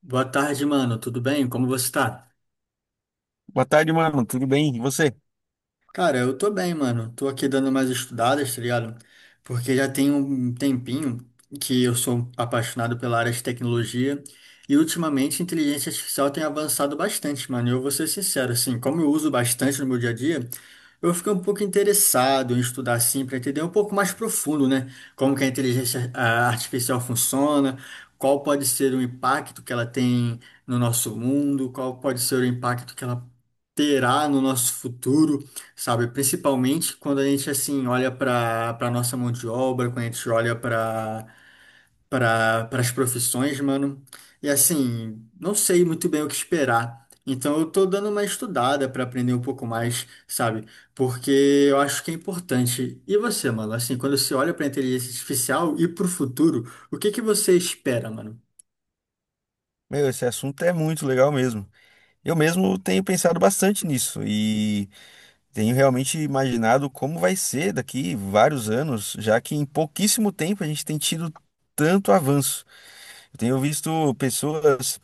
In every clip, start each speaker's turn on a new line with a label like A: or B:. A: Boa tarde, mano. Tudo bem? Como você tá?
B: Boa tarde, mano. Tudo bem? E você?
A: Cara, eu tô bem, mano. Tô aqui dando umas estudadas, tá ligado? Porque já tem um tempinho que eu sou apaixonado pela área de tecnologia e ultimamente a inteligência artificial tem avançado bastante, mano. E eu vou ser sincero, assim, como eu uso bastante no meu dia a dia, eu fiquei um pouco interessado em estudar assim para entender um pouco mais profundo, né? Como que a inteligência artificial funciona, qual pode ser o impacto que ela tem no nosso mundo, qual pode ser o impacto que ela terá no nosso futuro, sabe? Principalmente quando a gente assim olha para nossa mão de obra, quando a gente olha para as profissões, mano. E assim, não sei muito bem o que esperar. Então eu tô dando uma estudada para aprender um pouco mais, sabe? Porque eu acho que é importante. E você, mano? Assim, quando você olha para inteligência artificial e para o futuro, o que que você espera, mano?
B: Meu, esse assunto é muito legal mesmo. Eu mesmo tenho pensado bastante nisso e tenho realmente imaginado como vai ser daqui vários anos, já que em pouquíssimo tempo a gente tem tido tanto avanço. Eu tenho visto pessoas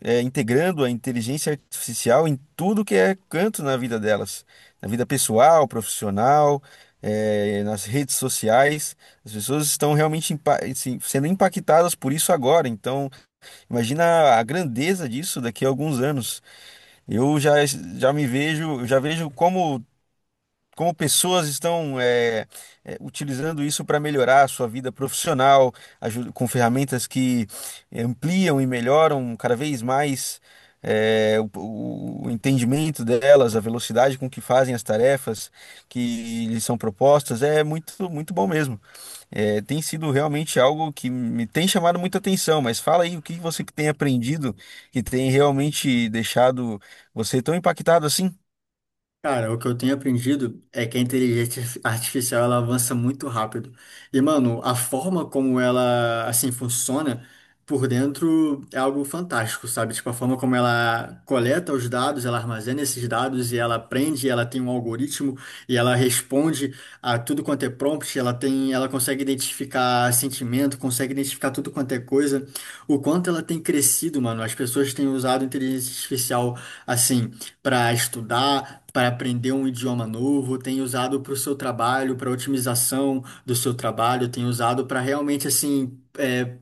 B: integrando a inteligência artificial em tudo que é canto na vida delas, na vida pessoal, profissional, nas redes sociais. As pessoas estão realmente assim, sendo impactadas por isso agora, então. Imagina a grandeza disso daqui a alguns anos. Eu já me vejo, eu já vejo como, como pessoas estão utilizando isso para melhorar a sua vida profissional, com ferramentas que ampliam e melhoram cada vez mais o entendimento delas, a velocidade com que fazem as tarefas que lhes são propostas. É muito, muito bom mesmo. É, tem sido realmente algo que me tem chamado muita atenção, mas fala aí o que você que tem aprendido que tem realmente deixado você tão impactado assim?
A: Cara, o que eu tenho aprendido é que a inteligência artificial ela avança muito rápido. E, mano, a forma como ela assim funciona por dentro é algo fantástico, sabe? Tipo, a forma como ela coleta os dados, ela armazena esses dados e ela aprende, ela tem um algoritmo e ela responde a tudo quanto é prompt, ela tem, ela consegue identificar sentimento, consegue identificar tudo quanto é coisa. O quanto ela tem crescido, mano, as pessoas têm usado inteligência artificial assim para estudar, para aprender um idioma novo, tem usado para o seu trabalho, para otimização do seu trabalho, tem usado para realmente assim, é,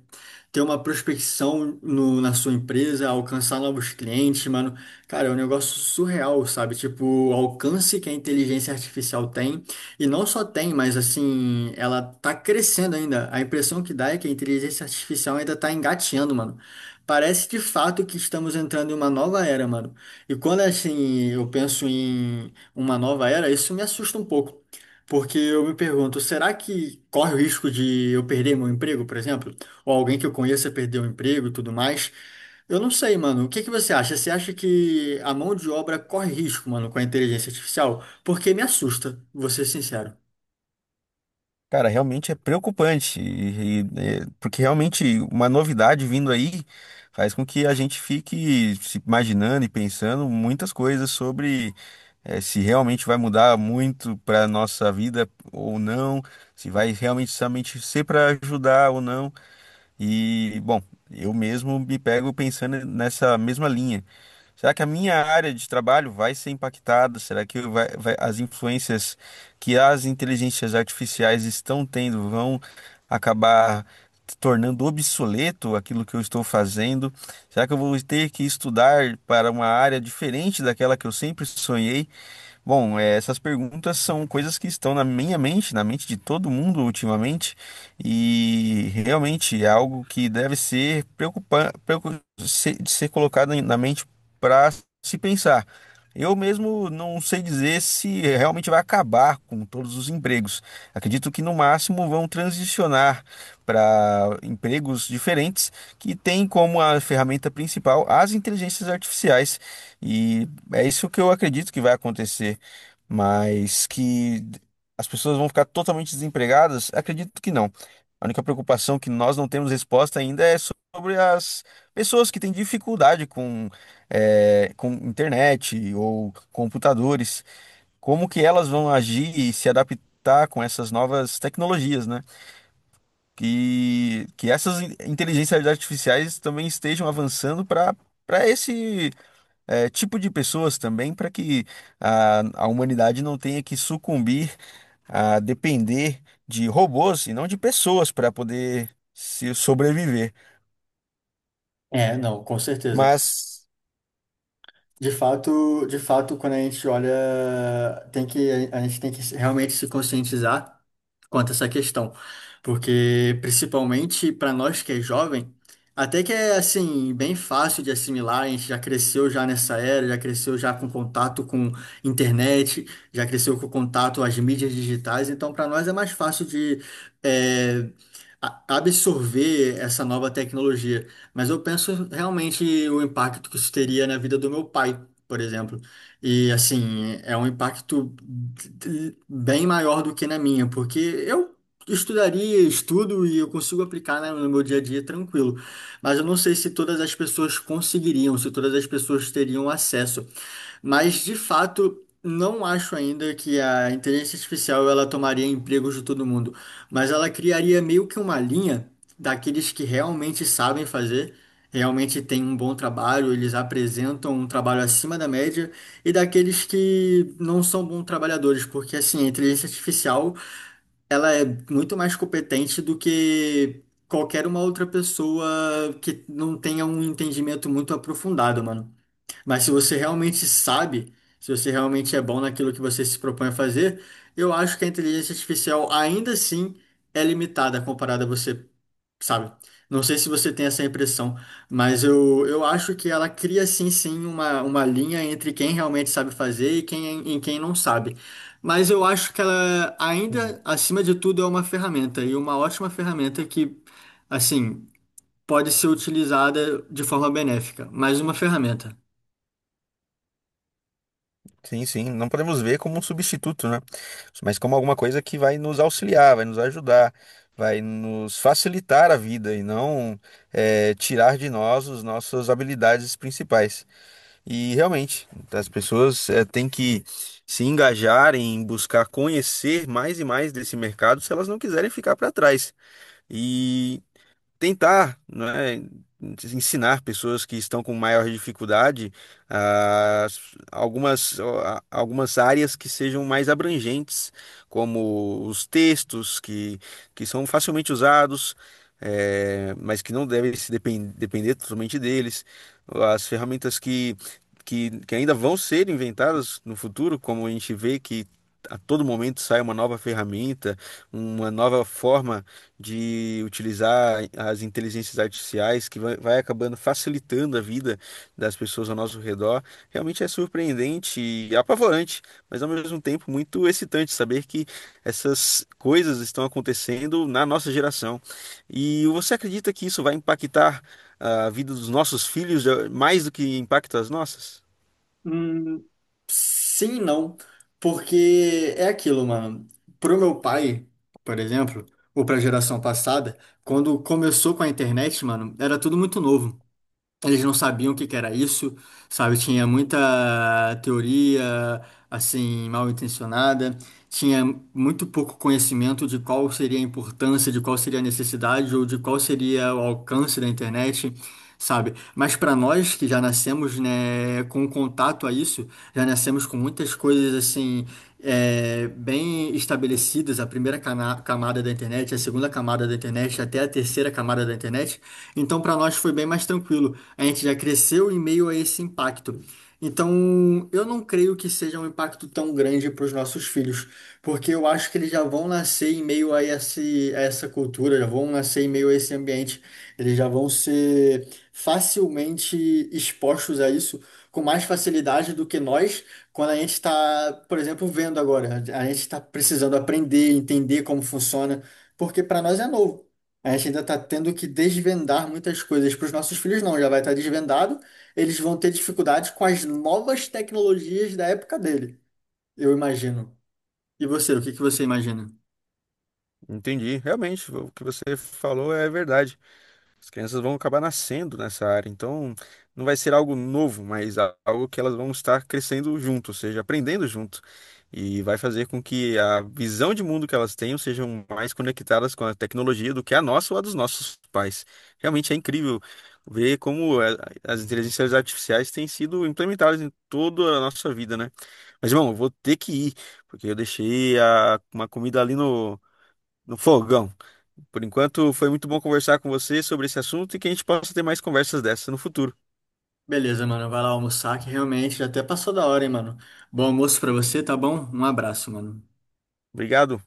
A: ter uma prospecção na sua empresa, alcançar novos clientes, mano. Cara, é um negócio surreal, sabe? Tipo, o alcance que a inteligência artificial tem, e não só tem, mas assim, ela tá crescendo ainda. A impressão que dá é que a inteligência artificial ainda tá engatinhando, mano. Parece de fato que estamos entrando em uma nova era, mano. E quando assim eu penso em uma nova era, isso me assusta um pouco. Porque eu me pergunto, será que corre o risco de eu perder meu emprego, por exemplo? Ou alguém que eu conheça perdeu o emprego e tudo mais. Eu não sei, mano. O que que você acha? Você acha que a mão de obra corre risco, mano, com a inteligência artificial? Porque me assusta, vou ser sincero.
B: Cara, realmente é preocupante, é, porque realmente uma novidade vindo aí faz com que a gente fique se imaginando e pensando muitas coisas sobre se realmente vai mudar muito para nossa vida ou não, se vai realmente somente ser para ajudar ou não. E, bom, eu mesmo me pego pensando nessa mesma linha. Será que a minha área de trabalho vai ser impactada? Será que as influências que as inteligências artificiais estão tendo vão acabar tornando obsoleto aquilo que eu estou fazendo? Será que eu vou ter que estudar para uma área diferente daquela que eu sempre sonhei? Bom, essas perguntas são coisas que estão na minha mente, na mente de todo mundo ultimamente, e realmente é algo que deve ser ser colocado na mente para se pensar. Eu mesmo não sei dizer se realmente vai acabar com todos os empregos. Acredito que no máximo vão transicionar para empregos diferentes que têm como a ferramenta principal as inteligências artificiais. E é isso que eu acredito que vai acontecer, mas que as pessoas vão ficar totalmente desempregadas? Acredito que não. A única preocupação que nós não temos resposta ainda é sobre as pessoas que têm dificuldade com, com internet ou computadores. Como que elas vão agir e se adaptar com essas novas tecnologias, né? Que essas inteligências artificiais também estejam avançando para para esse tipo de pessoas também para que a humanidade não tenha que sucumbir a depender de robôs e não de pessoas para poder se sobreviver.
A: É, não, com certeza.
B: Mas
A: De fato, quando a gente olha, tem que, a gente tem que realmente se conscientizar quanto a essa questão. Porque, principalmente para nós que é jovem, até que é assim, bem fácil de assimilar, a gente já cresceu já nessa era, já cresceu já com contato com internet, já cresceu com contato às mídias digitais, então para nós é mais fácil de eh, absorver essa nova tecnologia. Mas eu penso realmente o impacto que isso teria na vida do meu pai, por exemplo. E assim, é um impacto bem maior do que na minha, porque eu estudaria, estudo e eu consigo aplicar, né, no meu dia a dia tranquilo. Mas eu não sei se todas as pessoas conseguiriam, se todas as pessoas teriam acesso. Mas de fato, não acho ainda que a inteligência artificial ela tomaria empregos de todo mundo, mas ela criaria meio que uma linha daqueles que realmente sabem fazer, realmente têm um bom trabalho, eles apresentam um trabalho acima da média, e daqueles que não são bons trabalhadores, porque assim, a inteligência artificial, ela é muito mais competente do que qualquer uma outra pessoa que não tenha um entendimento muito aprofundado, mano. Mas se você realmente sabe, se você realmente é bom naquilo que você se propõe a fazer, eu acho que a inteligência artificial ainda assim é limitada comparada a você, sabe? Não sei se você tem essa impressão, mas eu acho que ela cria sim, sim, uma linha entre quem realmente sabe fazer e quem não sabe. Mas eu acho que ela
B: Uhum.
A: ainda, acima de tudo, é uma ferramenta e uma ótima ferramenta que, assim, pode ser utilizada de forma benéfica, mais uma ferramenta.
B: Sim, sim, não podemos ver como um substituto, né? Mas como alguma coisa que vai nos auxiliar, vai nos ajudar, vai nos facilitar a vida e não tirar de nós as nossas habilidades principais. E realmente, as pessoas têm que se engajar em buscar conhecer mais e mais desse mercado se elas não quiserem ficar para trás. E tentar, né, ensinar pessoas que estão com maior dificuldade ah, algumas, algumas áreas que sejam mais abrangentes, como os textos que são facilmente usados, mas que não devem se depender totalmente deles, as ferramentas que, que ainda vão ser inventadas no futuro, como a gente vê que a todo momento sai uma nova ferramenta, uma nova forma de utilizar as inteligências artificiais que vai acabando facilitando a vida das pessoas ao nosso redor, realmente é surpreendente e apavorante, mas ao mesmo tempo muito excitante saber que essas coisas estão acontecendo na nossa geração. E você acredita que isso vai impactar a vida dos nossos filhos, mais do que impacta as nossas?
A: Sim, e não, porque é aquilo, mano. Pro meu pai, por exemplo, ou pra geração passada, quando começou com a internet, mano, era tudo muito novo. Eles não sabiam o que que era isso, sabe? Tinha muita teoria, assim, mal intencionada, tinha muito pouco conhecimento de qual seria a importância, de qual seria a necessidade ou de qual seria o alcance da internet, sabe? Mas para nós que já nascemos, né, com contato a isso, já nascemos com muitas coisas, assim, é, bem estabelecidas, a primeira camada da internet, a segunda camada da internet, até a terceira camada da internet. Então, para nós foi bem mais tranquilo. A gente já cresceu em meio a esse impacto. Então, eu não creio que seja um impacto tão grande para os nossos filhos, porque eu acho que eles já vão nascer em meio a a essa cultura, já vão nascer em meio a esse ambiente, eles já vão ser facilmente expostos a isso com mais facilidade do que nós, quando a gente está, por exemplo, vendo agora, a gente está precisando aprender, entender como funciona, porque para nós é novo. A gente ainda está tendo que desvendar muitas coisas. Para os nossos filhos, não, já vai estar desvendado. Eles vão ter dificuldade com as novas tecnologias da época dele, eu imagino. E você, o que que você imagina?
B: Entendi, realmente, o que você falou é verdade. As crianças vão acabar nascendo nessa área, então não vai ser algo novo, mas algo que elas vão estar crescendo junto, ou seja, aprendendo junto. E vai fazer com que a visão de mundo que elas tenham sejam mais conectadas com a tecnologia do que a nossa ou a dos nossos pais. Realmente é incrível ver como as inteligências artificiais têm sido implementadas em toda a nossa vida, né? Mas, irmão, eu vou ter que ir, porque eu deixei uma comida ali no, no fogão. Por enquanto, foi muito bom conversar com você sobre esse assunto e que a gente possa ter mais conversas dessas no futuro.
A: Beleza, mano, vai lá almoçar, que realmente já até passou da hora, hein, mano. Bom almoço para você, tá bom? Um abraço, mano.
B: Obrigado.